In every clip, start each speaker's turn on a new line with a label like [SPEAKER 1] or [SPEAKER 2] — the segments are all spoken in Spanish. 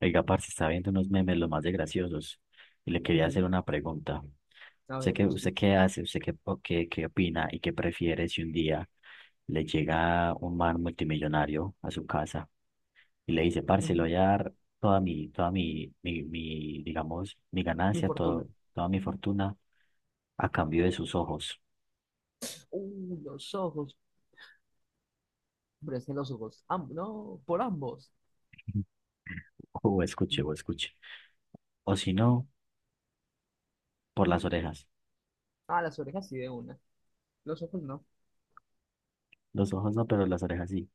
[SPEAKER 1] Oiga, parce, está viendo unos memes los más de graciosos y le quería hacer
[SPEAKER 2] Ujú.
[SPEAKER 1] una pregunta.
[SPEAKER 2] A
[SPEAKER 1] ¿Usted
[SPEAKER 2] ver,
[SPEAKER 1] qué,
[SPEAKER 2] me
[SPEAKER 1] usted
[SPEAKER 2] escucho.
[SPEAKER 1] qué hace? ¿Usted qué, o qué, qué opina y qué prefiere si un día le llega un man multimillonario a su casa y le dice, parce, le
[SPEAKER 2] Ujú.
[SPEAKER 1] voy a dar toda mi, digamos, mi
[SPEAKER 2] Mi
[SPEAKER 1] ganancia,
[SPEAKER 2] fortuna.
[SPEAKER 1] toda mi fortuna a cambio de sus ojos?
[SPEAKER 2] Los ojos. Presten los ojos. No, por ambos.
[SPEAKER 1] O escuche. O si no, por las orejas.
[SPEAKER 2] Ah, las orejas sí de una. Los ojos no.
[SPEAKER 1] Los ojos no, pero las orejas sí.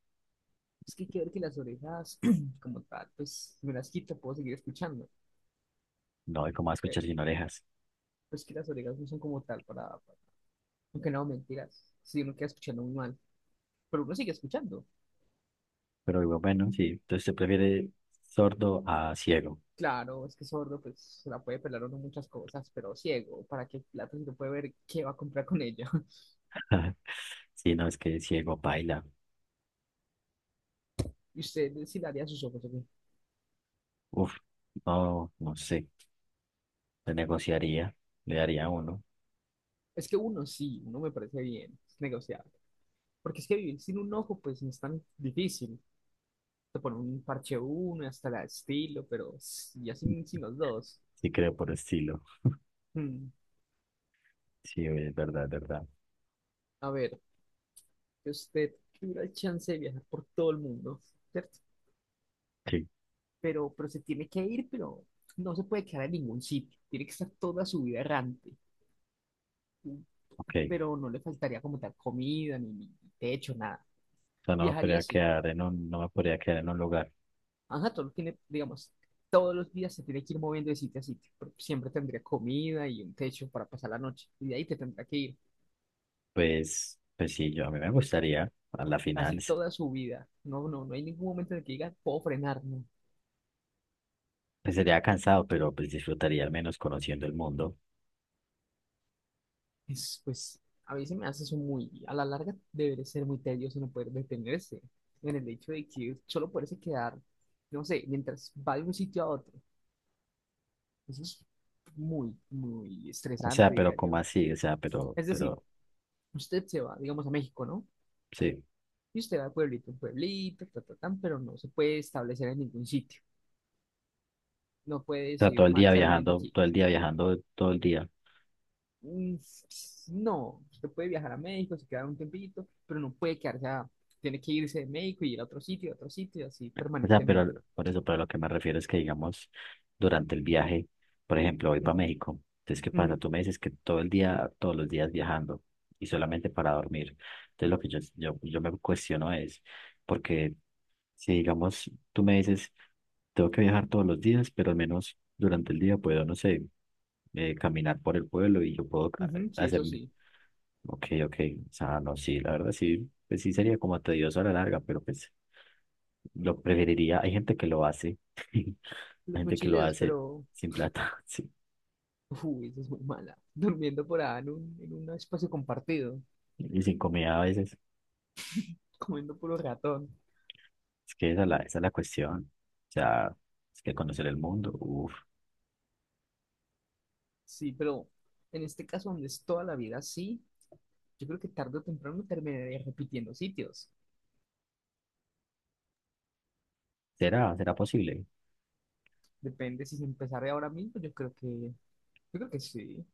[SPEAKER 2] Es que hay que ver que las orejas, como tal, pues si me las quito, puedo seguir escuchando.
[SPEAKER 1] No, ¿y cómo va a
[SPEAKER 2] Pero
[SPEAKER 1] escuchar sin orejas?
[SPEAKER 2] pues que las orejas no son como tal para. Aunque no, mentiras. Si uno queda escuchando muy mal. Pero uno sigue escuchando.
[SPEAKER 1] Pero digo, bueno, sí, entonces se prefiere sordo a ciego.
[SPEAKER 2] Claro, es que sordo, pues se la puede pelar uno muchas cosas, pero ciego, ¿para qué plata si no puede ver qué va a comprar con ella?
[SPEAKER 1] Si no, es que ciego baila.
[SPEAKER 2] ¿Y usted si le haría sus ojos? ¿Ok?
[SPEAKER 1] Uf, no, no sé. Se negociaría, le daría uno.
[SPEAKER 2] Es que uno sí, uno me parece bien, es negociable. Porque es que vivir sin un ojo, pues no es tan difícil. Te ponen un parche uno, hasta la estilo, pero ya sin, sin los dos.
[SPEAKER 1] Sí, creo por estilo.
[SPEAKER 2] Hmm,
[SPEAKER 1] Sí, es verdad, es verdad.
[SPEAKER 2] A ver, que usted tuviera el chance de viajar por todo el mundo, ¿cierto?
[SPEAKER 1] Sí,
[SPEAKER 2] Pero se tiene que ir, pero no se puede quedar en ningún sitio. Tiene que estar toda su vida errante.
[SPEAKER 1] ok. O
[SPEAKER 2] Pero no le faltaría como tal comida, ni techo, nada.
[SPEAKER 1] sea, no me
[SPEAKER 2] Viajaría
[SPEAKER 1] podría
[SPEAKER 2] así.
[SPEAKER 1] quedar en un, no me podría quedar en un lugar.
[SPEAKER 2] Ajá, todo tiene, digamos, todos los días se tiene que ir moviendo de sitio a sitio, pero siempre tendría comida y un techo para pasar la noche, y de ahí te tendrá que ir
[SPEAKER 1] Pues, pues sí, yo a mí me gustaría, a la final,
[SPEAKER 2] casi toda su vida. No, no, no hay ningún momento en el que digas, puedo frenar, no.
[SPEAKER 1] pues sería cansado, pero pues disfrutaría al menos conociendo el mundo.
[SPEAKER 2] Es, pues, a veces me hace eso muy, a la larga debe ser muy tedioso no poder detenerse, en el hecho de que solo poderse quedar, no sé, mientras va de un sitio a otro. Eso es muy, muy
[SPEAKER 1] O sea,
[SPEAKER 2] estresante,
[SPEAKER 1] pero
[SPEAKER 2] diría
[SPEAKER 1] como
[SPEAKER 2] yo.
[SPEAKER 1] así, o sea, pero,
[SPEAKER 2] Es decir,
[SPEAKER 1] pero,
[SPEAKER 2] usted se va, digamos, a México, ¿no?
[SPEAKER 1] sí.
[SPEAKER 2] Y usted va de pueblito en pueblito, tan, pero no se puede establecer en ningún sitio. No puede
[SPEAKER 1] O sea, todo
[SPEAKER 2] decir, me
[SPEAKER 1] el
[SPEAKER 2] voy a
[SPEAKER 1] día
[SPEAKER 2] quedar viviendo
[SPEAKER 1] viajando,
[SPEAKER 2] aquí.
[SPEAKER 1] todo el día viajando, todo el día.
[SPEAKER 2] Mm. No, usted puede viajar a México, se queda un tiempito, pero no puede Tiene que irse de México y ir a otro sitio, y así
[SPEAKER 1] O sea,
[SPEAKER 2] permanentemente.
[SPEAKER 1] pero por eso, pero lo que me refiero es que, digamos, durante el viaje, por ejemplo, voy para
[SPEAKER 2] Ujú,
[SPEAKER 1] México. Entonces, ¿qué pasa?
[SPEAKER 2] ujú,
[SPEAKER 1] Tú me dices que todo el día, todos los días viajando y solamente para dormir. Entonces, lo que yo me cuestiono es, porque si, digamos, tú me dices, tengo que viajar todos los días, pero al menos durante el día puedo, no sé, caminar por el pueblo y yo puedo
[SPEAKER 2] ujú. Sí,
[SPEAKER 1] hacer.
[SPEAKER 2] eso sí.
[SPEAKER 1] Ok, ok. O sea, no, sí, la verdad sí, pues sí sería como tedioso a la larga, pero pues lo preferiría. Hay gente que lo hace, hay
[SPEAKER 2] Los
[SPEAKER 1] gente que lo
[SPEAKER 2] mochileros,
[SPEAKER 1] hace
[SPEAKER 2] pero...
[SPEAKER 1] sin plata, sí,
[SPEAKER 2] Uy, eso es muy mala. Durmiendo por ahí en un espacio compartido,
[SPEAKER 1] y sin comida a veces.
[SPEAKER 2] comiendo puro ratón.
[SPEAKER 1] Es que esa es la cuestión. O sea, es que conocer el mundo, uff,
[SPEAKER 2] Sí, pero en este caso donde es toda la vida así, yo creo que tarde o temprano terminaría repitiendo sitios.
[SPEAKER 1] será posible,
[SPEAKER 2] Depende si se empezara ahora mismo, yo creo que sí.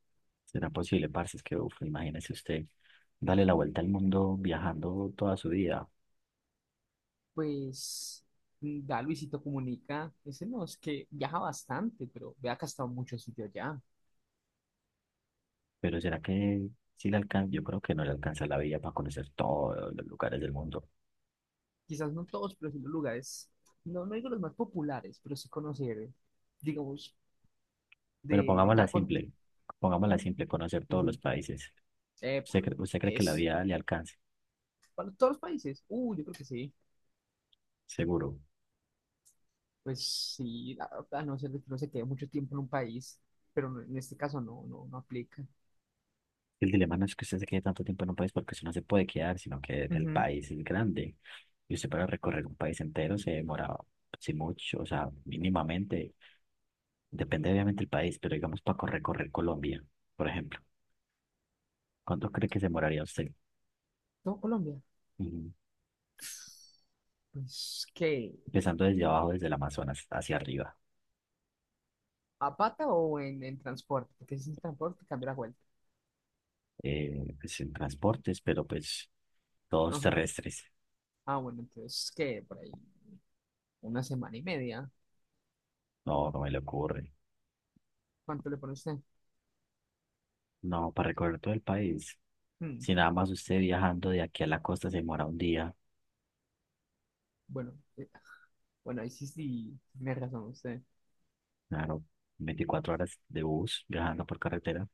[SPEAKER 1] será posible, parce, es que uff, imagínese usted, darle la vuelta al mundo viajando toda su vida,
[SPEAKER 2] Pues mm, da Luisito Comunica, ese no, es que viaja bastante, pero vea que ha estado en muchos sitios ya.
[SPEAKER 1] pero será que sí le alcanza, yo creo que no le alcanza la vida para conocer todos los lugares del mundo.
[SPEAKER 2] Quizás no todos, pero sí los lugares, no, no digo los más populares, pero sí conocer, digamos,
[SPEAKER 1] Bueno,
[SPEAKER 2] de, de
[SPEAKER 1] pongámosla
[SPEAKER 2] cada continente.
[SPEAKER 1] simple. Pongámosla simple, conocer todos los países.
[SPEAKER 2] Epa,
[SPEAKER 1] ¿Usted cree que la
[SPEAKER 2] es
[SPEAKER 1] vida le alcance?
[SPEAKER 2] para todos los países. Yo creo que sí.
[SPEAKER 1] Seguro.
[SPEAKER 2] Pues sí, la verdad, a no ser de que uno se quede mucho tiempo en un país, pero en este caso no, no, no aplica.
[SPEAKER 1] El dilema no es que usted se quede tanto tiempo en un país porque usted no se puede quedar, sino que el
[SPEAKER 2] Ujú.
[SPEAKER 1] país es grande. Y usted para recorrer un país entero se demora, si mucho, o sea, mínimamente. Depende obviamente del país, pero digamos para recorrer Colombia, por ejemplo. ¿Cuánto cree que se demoraría usted?
[SPEAKER 2] ¿Todo Colombia?
[SPEAKER 1] Ujú.
[SPEAKER 2] Pues, ¿qué?
[SPEAKER 1] Empezando desde abajo, desde el Amazonas hacia arriba.
[SPEAKER 2] ¿A pata o en transporte? Porque si es en transporte, cambia la vuelta.
[SPEAKER 1] Pues en transportes, pero pues todos
[SPEAKER 2] Ajá.
[SPEAKER 1] terrestres.
[SPEAKER 2] Ah, bueno, entonces, ¿qué? Por ahí, una semana y media.
[SPEAKER 1] No, no me le ocurre.
[SPEAKER 2] ¿Cuánto le pone usted?
[SPEAKER 1] No, para recorrer todo el país.
[SPEAKER 2] Hmm,
[SPEAKER 1] Si nada más usted viajando de aquí a la costa se demora un día,
[SPEAKER 2] Bueno, bueno, ahí sí, sí, tiene razón usted.
[SPEAKER 1] claro, 24 horas de bus viajando por carretera,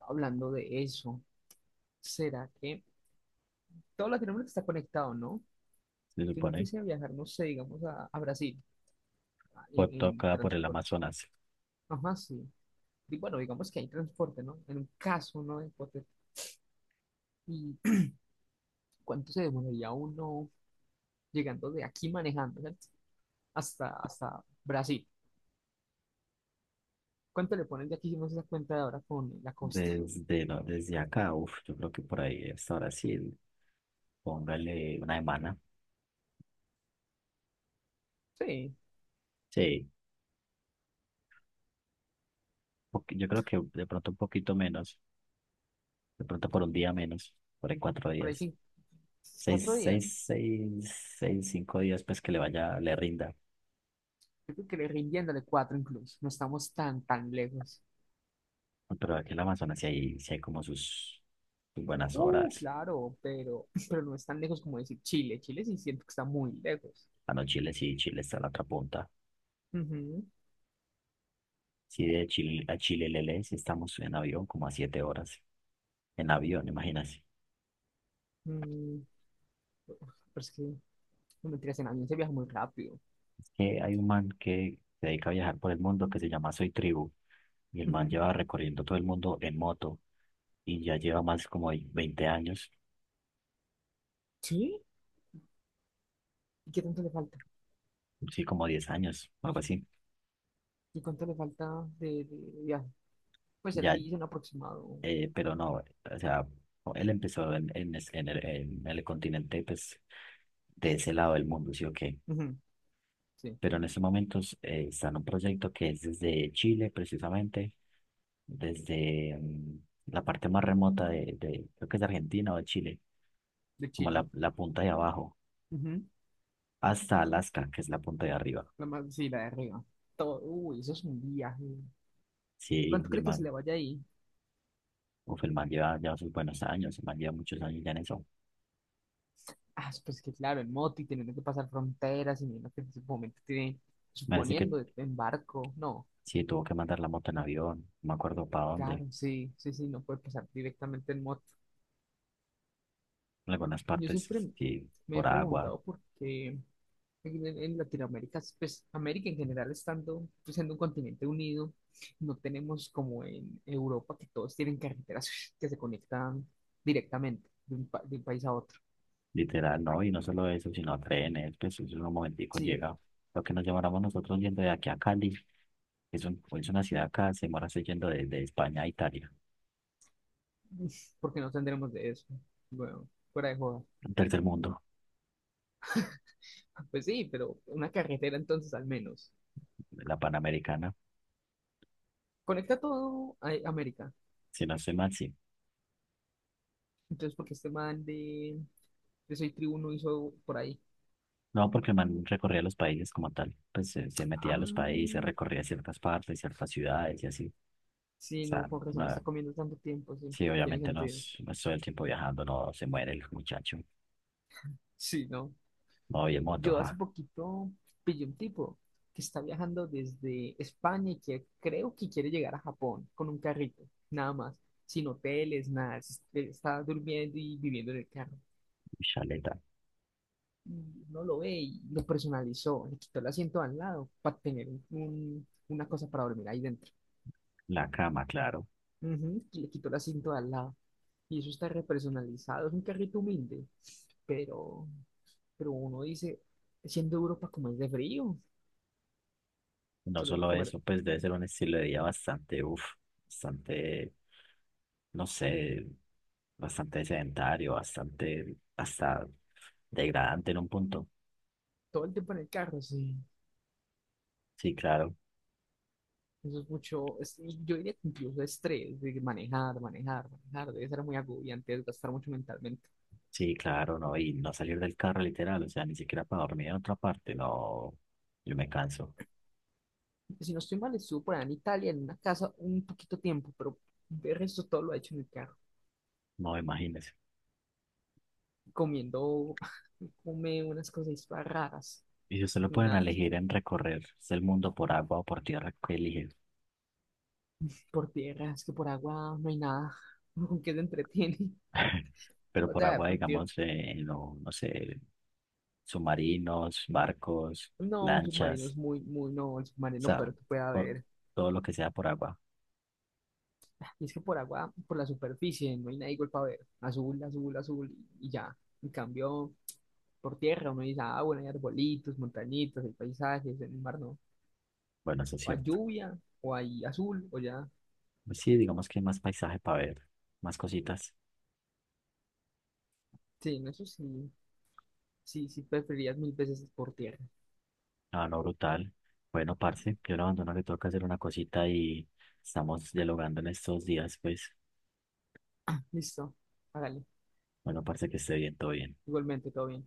[SPEAKER 2] Hablando de eso, ¿será que todo Latinoamérica está conectado, no?
[SPEAKER 1] se
[SPEAKER 2] Si uno
[SPEAKER 1] supone,
[SPEAKER 2] fuese a viajar, no sé, digamos, a Brasil,
[SPEAKER 1] por todo
[SPEAKER 2] en
[SPEAKER 1] acá por el
[SPEAKER 2] transporte.
[SPEAKER 1] Amazonas.
[SPEAKER 2] Ajá, sí. Y bueno, digamos que hay transporte, ¿no? En un caso, ¿no? Hipotético. ¿Y cuánto se demoraría uno llegando de aquí manejando, ¿cierto? Hasta, hasta Brasil. ¿Cuánto le ponen de aquí si no se da cuenta de ahora con la costa?
[SPEAKER 1] Desde, no, desde acá, uff, yo creo que por ahí hasta Brasil, póngale una semana.
[SPEAKER 2] Sí,
[SPEAKER 1] Sí, yo creo que de pronto un poquito menos, de pronto por un día menos, por ahí cuatro
[SPEAKER 2] por ahí
[SPEAKER 1] días.
[SPEAKER 2] sí, cuatro
[SPEAKER 1] Seis,
[SPEAKER 2] días.
[SPEAKER 1] seis, seis, seis, 5 días, pues que le vaya, le rinda.
[SPEAKER 2] Yo creo que le rindiéndole cuatro incluso. No estamos tan, tan lejos.
[SPEAKER 1] Pero aquí en la Amazonas sí hay como sus, sus buenas horas.
[SPEAKER 2] Claro, pero, pero no es tan lejos como decir Chile. Chile sí siento que está muy lejos.
[SPEAKER 1] Ah, no, Chile sí, Chile está en la otra punta.
[SPEAKER 2] Ujú.
[SPEAKER 1] Sí, de Chile a Chile Lele sí estamos en avión como a 7 horas. En avión, imagínate.
[SPEAKER 2] Mm, pero es que, no mentiras, en avión se viaja muy rápido.
[SPEAKER 1] Es que hay un man que se dedica a viajar por el mundo que se llama Soy Tribu. Y el man
[SPEAKER 2] Ujú.
[SPEAKER 1] lleva recorriendo todo el mundo en moto. Y ya lleva más como de 20 años.
[SPEAKER 2] ¿Sí? ¿Y qué tanto le falta?
[SPEAKER 1] Sí, como 10 años, algo así.
[SPEAKER 2] ¿Y cuánto le falta de viaje? Pues él
[SPEAKER 1] Ya,
[SPEAKER 2] dice un aproximado.
[SPEAKER 1] pero no, o sea, él empezó en el continente, pues, de ese lado del mundo, ¿sí o qué?
[SPEAKER 2] Ujú, sí,
[SPEAKER 1] Pero en estos momentos está en un proyecto que es desde Chile, precisamente, desde la parte más remota de creo que es de Argentina o de Chile,
[SPEAKER 2] de
[SPEAKER 1] como la,
[SPEAKER 2] Chile.
[SPEAKER 1] la punta de abajo,
[SPEAKER 2] Ujú,
[SPEAKER 1] hasta Alaska, que es la punta de arriba.
[SPEAKER 2] la más, sí, la de arriba. Todo, uy, eso es un viaje.
[SPEAKER 1] Sí,
[SPEAKER 2] ¿Cuánto
[SPEAKER 1] mi
[SPEAKER 2] cree que se
[SPEAKER 1] hermano,
[SPEAKER 2] le vaya ahí?
[SPEAKER 1] uf, el man lleva ya sus buenos años, el man lleva muchos años ya en eso.
[SPEAKER 2] Ah, pues que claro, en moto y teniendo que pasar fronteras y viendo que en ese momento tiene,
[SPEAKER 1] Me parece que
[SPEAKER 2] suponiendo, en barco. No,
[SPEAKER 1] sí tuvo que mandar la moto en avión, no me acuerdo para dónde,
[SPEAKER 2] claro, sí, sí, sí, no puede pasar directamente en moto.
[SPEAKER 1] en algunas
[SPEAKER 2] Yo
[SPEAKER 1] partes
[SPEAKER 2] siempre
[SPEAKER 1] sí,
[SPEAKER 2] me he
[SPEAKER 1] por agua,
[SPEAKER 2] preguntado por qué. Latinoamérica, pues América en general estando, pues, siendo un continente unido, no tenemos como en Europa que todos tienen carreteras que se conectan directamente de de un país a otro.
[SPEAKER 1] literal, ¿no? Y no solo eso, sino trenes, pues eso en un momentico
[SPEAKER 2] Sí,
[SPEAKER 1] llega lo que nos lleváramos nosotros yendo de aquí a Cali. Es, un- es una ciudad acá, se demora yendo de España a Italia,
[SPEAKER 2] porque no tendremos de eso. Bueno, fuera de joda.
[SPEAKER 1] un tercer mundo,
[SPEAKER 2] Pues sí, pero una carretera entonces al menos.
[SPEAKER 1] la Panamericana,
[SPEAKER 2] Conecta todo a América.
[SPEAKER 1] si no estoy mal, sí.
[SPEAKER 2] Entonces, porque este man de Soy Tribuno hizo por ahí.
[SPEAKER 1] No, porque el man recorría los países como tal, pues se metía a los países,
[SPEAKER 2] Ah,
[SPEAKER 1] recorría ciertas partes, ciertas ciudades y así. O
[SPEAKER 2] sí, no,
[SPEAKER 1] sea,
[SPEAKER 2] con razón, está
[SPEAKER 1] no,
[SPEAKER 2] comiendo tanto tiempo, sí,
[SPEAKER 1] sí,
[SPEAKER 2] tiene
[SPEAKER 1] obviamente no,
[SPEAKER 2] sentido.
[SPEAKER 1] es- no es todo el tiempo viajando, no se muere el muchacho.
[SPEAKER 2] Sí, no.
[SPEAKER 1] No, voy en moto,
[SPEAKER 2] Yo hace
[SPEAKER 1] ja,
[SPEAKER 2] poquito pillé un tipo que está viajando desde España y que creo que quiere llegar a Japón con un carrito, nada más, sin hoteles, nada, está durmiendo y viviendo en el carro.
[SPEAKER 1] chaleta,
[SPEAKER 2] Y uno lo ve y lo personalizó, le quitó el asiento al lado para tener una cosa para dormir ahí dentro.
[SPEAKER 1] la cama, claro.
[SPEAKER 2] Ujú, y le quitó el asiento al lado. Y eso está repersonalizado, es un carrito humilde, pero, pero uno dice, siendo Europa como es de frío,
[SPEAKER 1] No
[SPEAKER 2] se lo deben
[SPEAKER 1] solo
[SPEAKER 2] comer
[SPEAKER 1] eso, pues debe ser un estilo de vida bastante, uff, bastante no sé, bastante sedentario, bastante, hasta degradante en un punto.
[SPEAKER 2] todo el tiempo en el carro, sí.
[SPEAKER 1] Sí, claro,
[SPEAKER 2] Eso es mucho, yo diría que incluso estrés, de manejar, manejar, manejar, debe ser muy agobiante, desgastar mucho mentalmente.
[SPEAKER 1] sí, claro, no, y no salir del carro literal, o sea, ni siquiera para dormir en otra parte, no, yo me canso,
[SPEAKER 2] Si no estoy mal, estuvo por allá en Italia, en una casa, un poquito tiempo, pero de resto todo lo ha hecho en el carro,
[SPEAKER 1] no, imagínese.
[SPEAKER 2] comiendo, come unas cosas raras,
[SPEAKER 1] Y si usted lo pueden
[SPEAKER 2] una,
[SPEAKER 1] elegir en recorrer el mundo por agua o por tierra, ¿qué elige?
[SPEAKER 2] por tierra, es que por agua no hay nada, uno con qué se entretiene,
[SPEAKER 1] Pero
[SPEAKER 2] o
[SPEAKER 1] por
[SPEAKER 2] sea,
[SPEAKER 1] agua,
[SPEAKER 2] por tierra,
[SPEAKER 1] digamos, no, no sé, submarinos, barcos,
[SPEAKER 2] no, un submarino
[SPEAKER 1] lanchas,
[SPEAKER 2] es muy, muy, no, el
[SPEAKER 1] o
[SPEAKER 2] submarino,
[SPEAKER 1] sea,
[SPEAKER 2] pero que puede
[SPEAKER 1] por-
[SPEAKER 2] haber.
[SPEAKER 1] todo lo que sea por agua.
[SPEAKER 2] Y es que por agua, por la superficie, no hay nada igual para ver. Azul, azul, azul, y ya. En cambio, por tierra uno dice, ah, bueno, hay arbolitos, montañitas, hay paisajes, en el mar no.
[SPEAKER 1] Bueno, eso es
[SPEAKER 2] O hay
[SPEAKER 1] cierto.
[SPEAKER 2] lluvia, o hay azul, o ya.
[SPEAKER 1] Pues sí, digamos que hay más paisaje para ver, más cositas.
[SPEAKER 2] Sí, en eso sí, sí, sí preferirías mil veces por tierra.
[SPEAKER 1] Ah, no, brutal. Bueno, parce, yo lo abandono, le toca hacer una cosita y estamos dialogando en estos días, pues.
[SPEAKER 2] Listo, hágale.
[SPEAKER 1] Bueno, parce, que esté bien, todo bien.
[SPEAKER 2] Igualmente, todo bien.